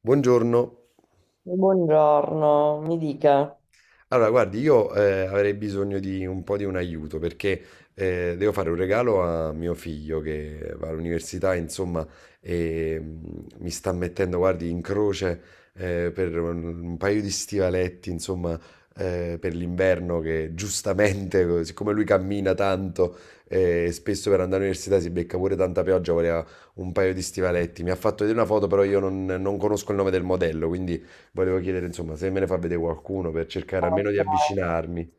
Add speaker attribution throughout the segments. Speaker 1: Buongiorno.
Speaker 2: Buongiorno, mi dica.
Speaker 1: Allora, guardi, io avrei bisogno di un po' di un aiuto perché devo fare un regalo a mio figlio che va all'università, insomma, e mi sta mettendo, guardi, in croce per un paio di stivaletti, insomma, per l'inverno che giustamente, siccome lui cammina tanto e spesso per andare all'università si becca pure tanta pioggia, voleva un paio di stivaletti. Mi ha fatto vedere una foto, però io non conosco il nome del modello, quindi. Volevo chiedere, insomma, se me ne fa vedere qualcuno per cercare almeno di avvicinarmi.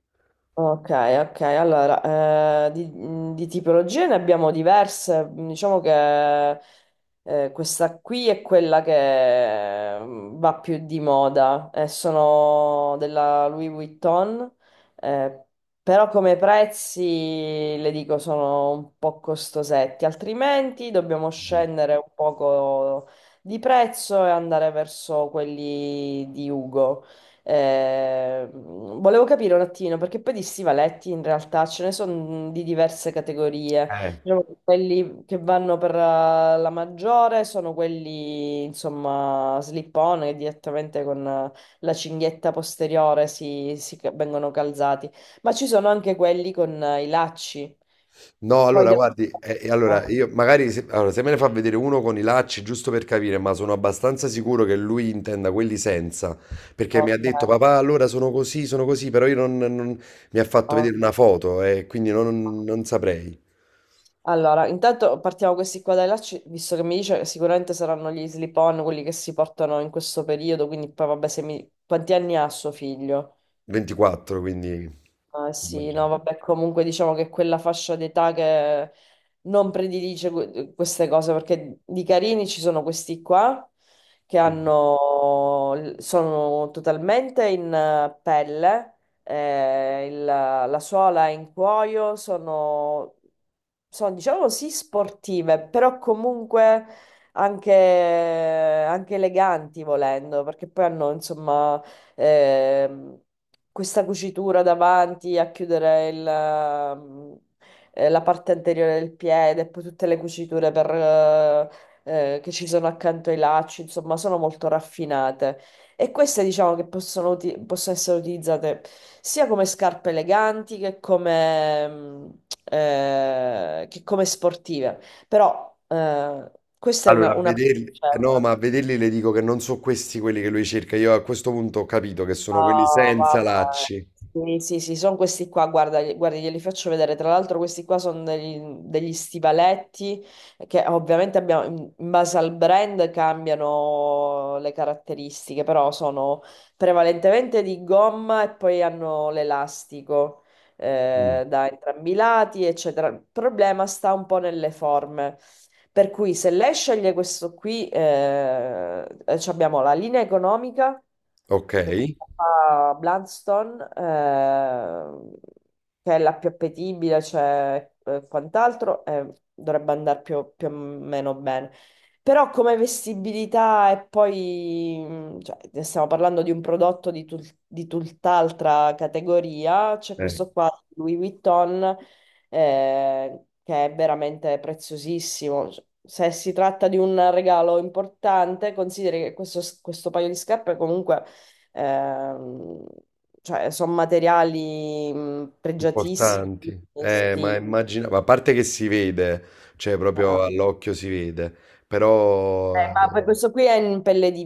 Speaker 2: Ok, ok, allora, di tipologie ne abbiamo diverse, diciamo che questa qui è quella che va più di moda, sono della Louis Vuitton, eh, però come prezzi le dico sono un po' costosetti, altrimenti dobbiamo
Speaker 1: Mm.
Speaker 2: scendere un poco di prezzo e andare verso quelli di Ugo. Volevo capire un attimo, perché poi di stivaletti in realtà ce ne sono di diverse categorie.
Speaker 1: Eh.
Speaker 2: Diciamo che quelli che vanno per la maggiore sono quelli, insomma, slip-on, che direttamente con la cinghietta posteriore vengono calzati. Ma ci sono anche quelli con i lacci.
Speaker 1: No,
Speaker 2: Poi
Speaker 1: allora
Speaker 2: devo...
Speaker 1: guardi,
Speaker 2: Ah,
Speaker 1: allora io magari se, allora, se me ne fa vedere uno con i lacci, giusto per capire, ma sono abbastanza sicuro che lui intenda quelli senza, perché mi ha
Speaker 2: ok,
Speaker 1: detto papà, allora sono così, però io mi ha fatto vedere una
Speaker 2: ok.
Speaker 1: foto e quindi non saprei.
Speaker 2: Allora, intanto partiamo questi qua dai lacci, visto che mi dice che sicuramente saranno gli slip-on quelli che si portano in questo periodo, quindi poi vabbè, se mi... quanti anni ha suo figlio?
Speaker 1: 24, quindi
Speaker 2: Ah, sì, no,
Speaker 1: immagino.
Speaker 2: vabbè, comunque diciamo che quella fascia d'età che non predilige queste cose, perché di carini ci sono questi qua che hanno, sono totalmente in pelle, la suola è in cuoio, sono, sono, diciamo sì sportive, però comunque anche, anche eleganti volendo, perché poi hanno, insomma ehm, questa cucitura davanti a chiudere il, la parte anteriore del piede, e poi tutte le cuciture per, che ci sono accanto ai lacci, insomma, sono molto raffinate. E queste diciamo che possono, possono essere utilizzate sia come scarpe eleganti che come, che come sportive. Però questa è
Speaker 1: Allora, a
Speaker 2: una
Speaker 1: vederli, no,
Speaker 2: scelta.
Speaker 1: ma a vederli le dico che non sono questi quelli che lui cerca. Io a questo punto ho capito che sono quelli
Speaker 2: Ah,
Speaker 1: senza
Speaker 2: vabbè.
Speaker 1: lacci.
Speaker 2: Sì, sì, sì, sono questi qua, guarda, guardi, glieli faccio vedere. Tra l'altro questi qua sono degli, degli stivaletti che ovviamente abbiamo, in base al brand cambiano le caratteristiche, però sono prevalentemente di gomma e poi hanno l'elastico
Speaker 1: Mm.
Speaker 2: da entrambi i lati, eccetera. Il problema sta un po' nelle forme. Per cui se lei sceglie questo qui, ci abbiamo la linea economica
Speaker 1: Ok,
Speaker 2: che fa Bloodstone, che è la più appetibile, cioè quant'altro, dovrebbe andare più, più o meno bene. Però come vestibilità e poi, cioè, ne stiamo parlando di un prodotto di, di tutt'altra categoria, c'è questo qua, Louis Vuitton, che è veramente preziosissimo. Se si tratta di un regalo importante, consideri che questo paio di scarpe comunque Ehm, cioè, sono materiali pregiatissimi.
Speaker 1: importanti.
Speaker 2: Quindi
Speaker 1: Ma
Speaker 2: sì.
Speaker 1: immagina, ma a parte che si vede, cioè proprio
Speaker 2: Ah.
Speaker 1: all'occhio si vede, però eh.
Speaker 2: Ma per questo qui è in pelle di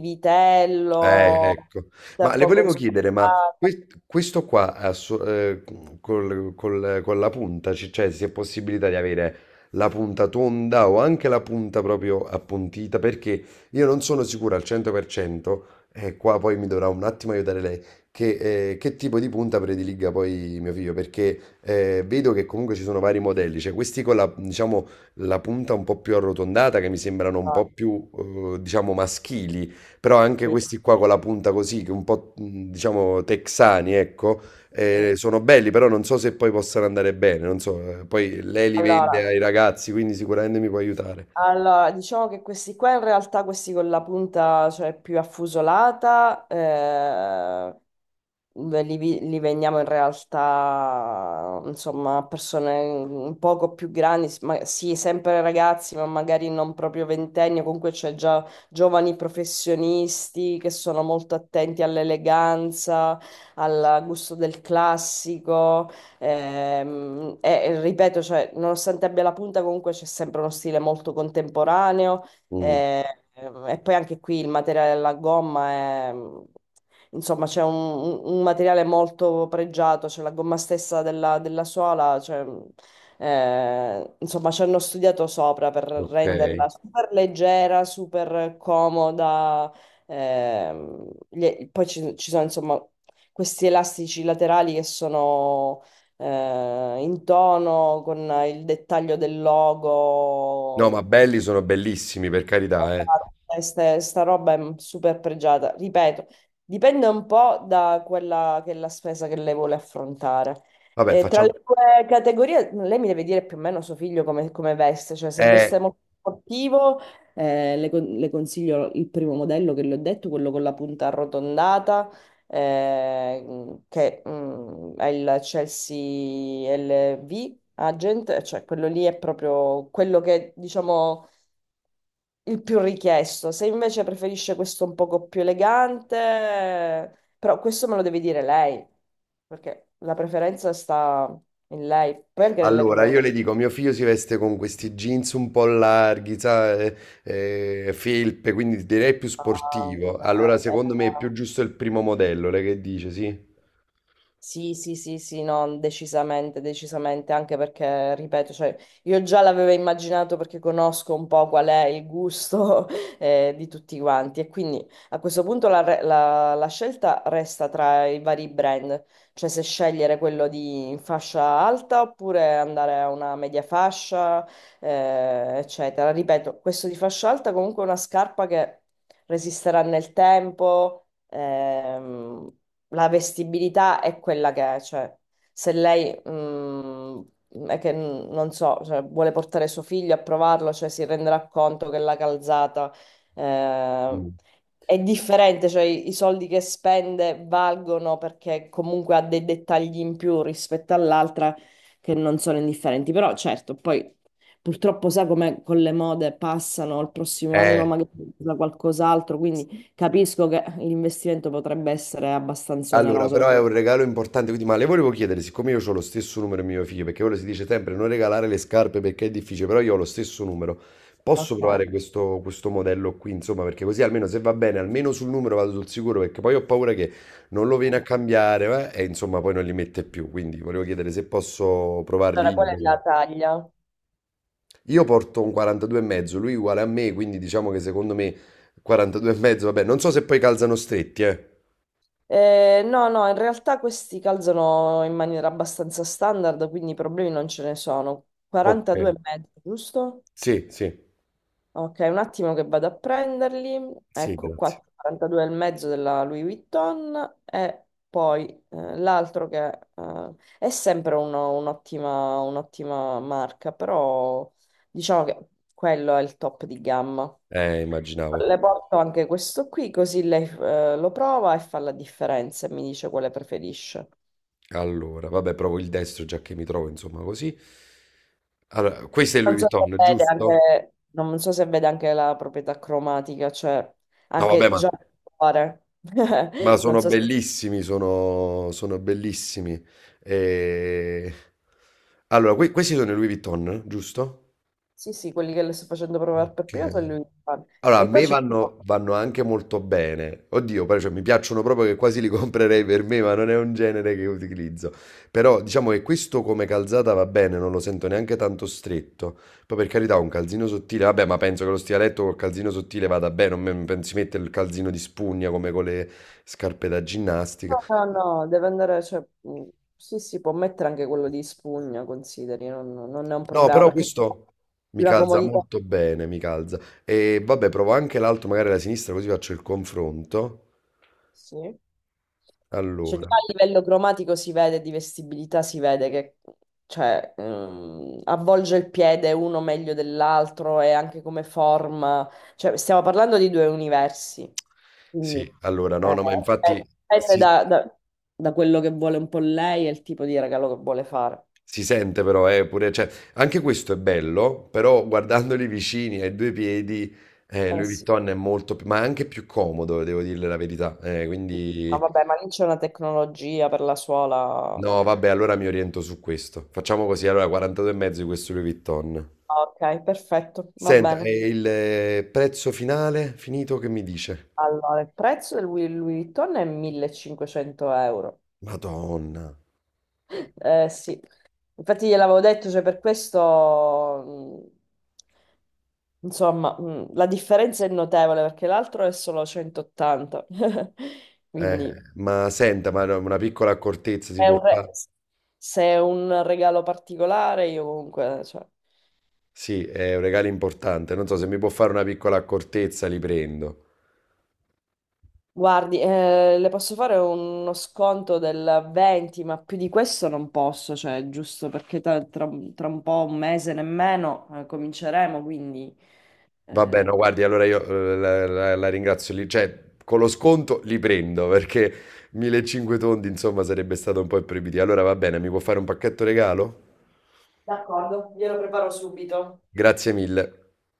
Speaker 2: vitello,
Speaker 1: Ecco.
Speaker 2: è
Speaker 1: Ma
Speaker 2: un
Speaker 1: le
Speaker 2: poco
Speaker 1: volevo chiedere, ma
Speaker 2: sporcata.
Speaker 1: questo qua ha so- col- col- con la punta, cioè se è possibilità di avere la punta tonda o anche la punta proprio appuntita, perché io non sono sicuro al 100%, e qua poi mi dovrà un attimo aiutare lei, che tipo di punta prediliga poi mio figlio, perché vedo che comunque ci sono vari modelli, cioè questi con la, diciamo, la punta un po' più arrotondata, che mi sembrano un
Speaker 2: Ma
Speaker 1: po' più, diciamo, maschili, però anche
Speaker 2: sì,
Speaker 1: questi qua con la punta così, che un po' diciamo texani, ecco,
Speaker 2: sì.
Speaker 1: sono belli, però non so se poi possano andare bene, non so, poi lei li
Speaker 2: Allora,
Speaker 1: vende ai ragazzi, quindi sicuramente mi può aiutare.
Speaker 2: allora, diciamo che questi qua in realtà, questi con la punta cioè, più affusolata, beh, li vendiamo in realtà, insomma, a persone un poco più grandi, sì, sempre ragazzi, ma magari non proprio ventenni, comunque c'è già giovani professionisti che sono molto attenti all'eleganza, al gusto del classico. Ehm, e ripeto, cioè, nonostante abbia la punta, comunque c'è sempre uno stile molto contemporaneo.
Speaker 1: Mm,
Speaker 2: eh, e poi anche qui il materiale della gomma è insomma, c'è un, un materiale molto pregiato, c'è la gomma stessa della, della suola, cioè, insomma, ci hanno studiato sopra per
Speaker 1: ok.
Speaker 2: renderla super leggera, super comoda. Ehm, poi ci, ci sono, insomma, questi elastici laterali che sono in tono con il dettaglio del
Speaker 1: No, ma
Speaker 2: logo.
Speaker 1: belli sono bellissimi, per carità, eh.
Speaker 2: Queste- Sta roba è super pregiata. Ripeto, dipende un po' da quella che è la spesa che lei vuole affrontare.
Speaker 1: Vabbè,
Speaker 2: Tra
Speaker 1: facciamo.
Speaker 2: le due categorie, lei mi deve dire più o meno suo figlio come, come veste, cioè se veste
Speaker 1: Eh,
Speaker 2: molto sportivo, le, le consiglio il primo modello che le ho detto, quello con la punta arrotondata, che è il Chelsea LV Agent, cioè quello lì è proprio quello che diciamo il più richiesto. Se invece preferisce questo un poco più elegante, però questo me lo deve dire lei, perché la preferenza sta in lei. Poi anche nelle
Speaker 1: allora,
Speaker 2: colore.
Speaker 1: io le dico, mio figlio si veste con questi jeans un po' larghi, sa, felpe, quindi direi più
Speaker 2: Ah,
Speaker 1: sportivo. Allora,
Speaker 2: ok.
Speaker 1: secondo me è più giusto il primo modello, lei che dice, sì?
Speaker 2: Sì, sì, sì, sì, no, decisamente, decisamente, anche perché, ripeto, cioè, io già l'avevo immaginato perché conosco un po' qual è il gusto di tutti quanti e quindi a questo punto la, la scelta resta tra i vari brand, cioè se scegliere quello di fascia alta oppure andare a una media fascia, eccetera. Ripeto, questo di fascia alta comunque è una scarpa che resisterà nel tempo. La vestibilità è quella che è, cioè se lei è che non so, cioè, vuole portare suo figlio a provarlo, cioè si renderà conto che la calzata eh,
Speaker 1: Mm.
Speaker 2: è differente, cioè i soldi che spende valgono perché comunque ha dei dettagli in più rispetto all'altra che non sono indifferenti, però certo, poi purtroppo sa come con le mode passano, il prossimo anno
Speaker 1: Eh,
Speaker 2: magari usa qualcos'altro, quindi capisco che l'investimento potrebbe essere abbastanza
Speaker 1: allora,
Speaker 2: oneroso.
Speaker 1: però è un regalo importante, quindi ma le volevo chiedere, siccome io ho lo stesso numero di mio figlio, perché ora si dice sempre non regalare le scarpe perché è difficile, però io ho lo stesso numero, posso
Speaker 2: Ok.
Speaker 1: provare questo modello qui, insomma, perché così almeno se va bene, almeno sul numero vado sul sicuro, perché poi ho paura che non lo viene a cambiare, e insomma poi non li mette più, quindi volevo chiedere se posso provarli
Speaker 2: Allora, qual
Speaker 1: io
Speaker 2: è la
Speaker 1: magari.
Speaker 2: taglia?
Speaker 1: Io porto un 42 e mezzo, lui è uguale a me, quindi diciamo che secondo me 42 e mezzo, vabbè, non so se poi calzano stretti, eh.
Speaker 2: No, no, in realtà questi calzano in maniera abbastanza standard, quindi problemi non ce ne sono.
Speaker 1: Ok,
Speaker 2: 42 e mezzo, giusto?
Speaker 1: sì, sì,
Speaker 2: Ok, un attimo che vado a prenderli.
Speaker 1: sì,
Speaker 2: Ecco
Speaker 1: grazie.
Speaker 2: qua, 42 e mezzo della Louis Vuitton e poi l'altro che è sempre un'ottima un'ottima marca, però diciamo che quello è il top di gamma.
Speaker 1: Immaginavo.
Speaker 2: Le porto anche questo qui, così lei lo prova e fa la differenza e mi dice quale preferisce.
Speaker 1: Allora, vabbè, provo il destro già che mi trovo, insomma, così. Allora, questo è
Speaker 2: Non
Speaker 1: Louis
Speaker 2: so se
Speaker 1: Vuitton,
Speaker 2: vede
Speaker 1: giusto?
Speaker 2: anche, non so se vede anche la proprietà cromatica, cioè
Speaker 1: No, vabbè,
Speaker 2: anche
Speaker 1: ma,
Speaker 2: già il colore.
Speaker 1: ma
Speaker 2: Non
Speaker 1: sono
Speaker 2: so se...
Speaker 1: bellissimi, sono bellissimi. E. Allora, questi sono i Louis Vuitton, giusto?
Speaker 2: Sì, sì, quelli che le sto facendo provare per prima sono
Speaker 1: Ok.
Speaker 2: lui.
Speaker 1: Allora, a
Speaker 2: E qua
Speaker 1: me
Speaker 2: ci...
Speaker 1: vanno anche molto bene. Oddio, però, cioè, mi piacciono proprio che quasi li comprerei per me, ma non è un genere che utilizzo. Però diciamo che questo come calzata va bene, non lo sento neanche tanto stretto. Poi per carità, un calzino sottile, vabbè, ma penso che lo stivaletto col calzino sottile vada bene, non si mette il calzino di spugna come con le scarpe da ginnastica.
Speaker 2: No, no, no, deve andare... Cioè, sì, sì, può mettere anche quello di spugna, consideri, non, non è un
Speaker 1: No,
Speaker 2: problema,
Speaker 1: però
Speaker 2: perché è
Speaker 1: questo mi
Speaker 2: una
Speaker 1: calza
Speaker 2: comodità.
Speaker 1: molto bene, mi calza. E vabbè, provo anche l'altro, magari la sinistra, così faccio il confronto.
Speaker 2: Sì. Cioè, già
Speaker 1: Allora.
Speaker 2: a livello cromatico si vede, di vestibilità si vede che cioè, avvolge il piede uno meglio dell'altro e anche come forma. Cioè, stiamo parlando di due universi. Quindi,
Speaker 1: Sì, allora no,
Speaker 2: eh,
Speaker 1: no, ma infatti
Speaker 2: dipende
Speaker 1: si,
Speaker 2: da, da quello che vuole un po' lei e il tipo di regalo che vuole fare.
Speaker 1: si sente però, pure, cioè, anche questo è bello, però guardandoli vicini ai due piedi,
Speaker 2: Eh
Speaker 1: Louis
Speaker 2: sì.
Speaker 1: Vuitton è molto più, ma anche più comodo, devo dirle la verità.
Speaker 2: Ma
Speaker 1: Quindi,
Speaker 2: vabbè, ma lì c'è una tecnologia per la suola.
Speaker 1: no, vabbè, allora mi oriento su questo. Facciamo così, allora 42 e mezzo di questo Louis Vuitton.
Speaker 2: Ah, ok, perfetto, va
Speaker 1: Senta,
Speaker 2: bene.
Speaker 1: e il prezzo finale, finito, che mi dice?
Speaker 2: Allora, il prezzo del Louis Vuitton è 1500 euro.
Speaker 1: Madonna.
Speaker 2: Sì, infatti gliel'avevo detto, cioè per questo, insomma, la differenza è notevole perché l'altro è solo 180.
Speaker 1: Eh,
Speaker 2: Quindi
Speaker 1: ma senta, ma no, una piccola accortezza si
Speaker 2: è
Speaker 1: può
Speaker 2: un
Speaker 1: fare?
Speaker 2: se è un regalo particolare, io comunque, cioè.
Speaker 1: Sì, è un regalo importante. Non so se mi può fare una piccola accortezza, li prendo.
Speaker 2: Guardi, le posso fare uno sconto del 20, ma più di questo non posso, cioè, giusto perché tra, tra un po', un mese nemmeno, cominceremo, quindi...
Speaker 1: Va bene,
Speaker 2: eh,
Speaker 1: no, guardi, allora io la ringrazio lì. Cioè, con lo sconto li prendo perché 1500 tondi, insomma, sarebbe stato un po' imprevedibile. Allora va bene, mi può fare un pacchetto regalo?
Speaker 2: d'accordo, glielo preparo subito.
Speaker 1: Grazie mille.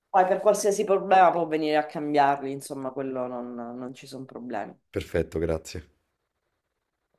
Speaker 2: Poi per qualsiasi problema può venire a cambiarli, insomma, quello non ci sono problemi.
Speaker 1: Perfetto, grazie.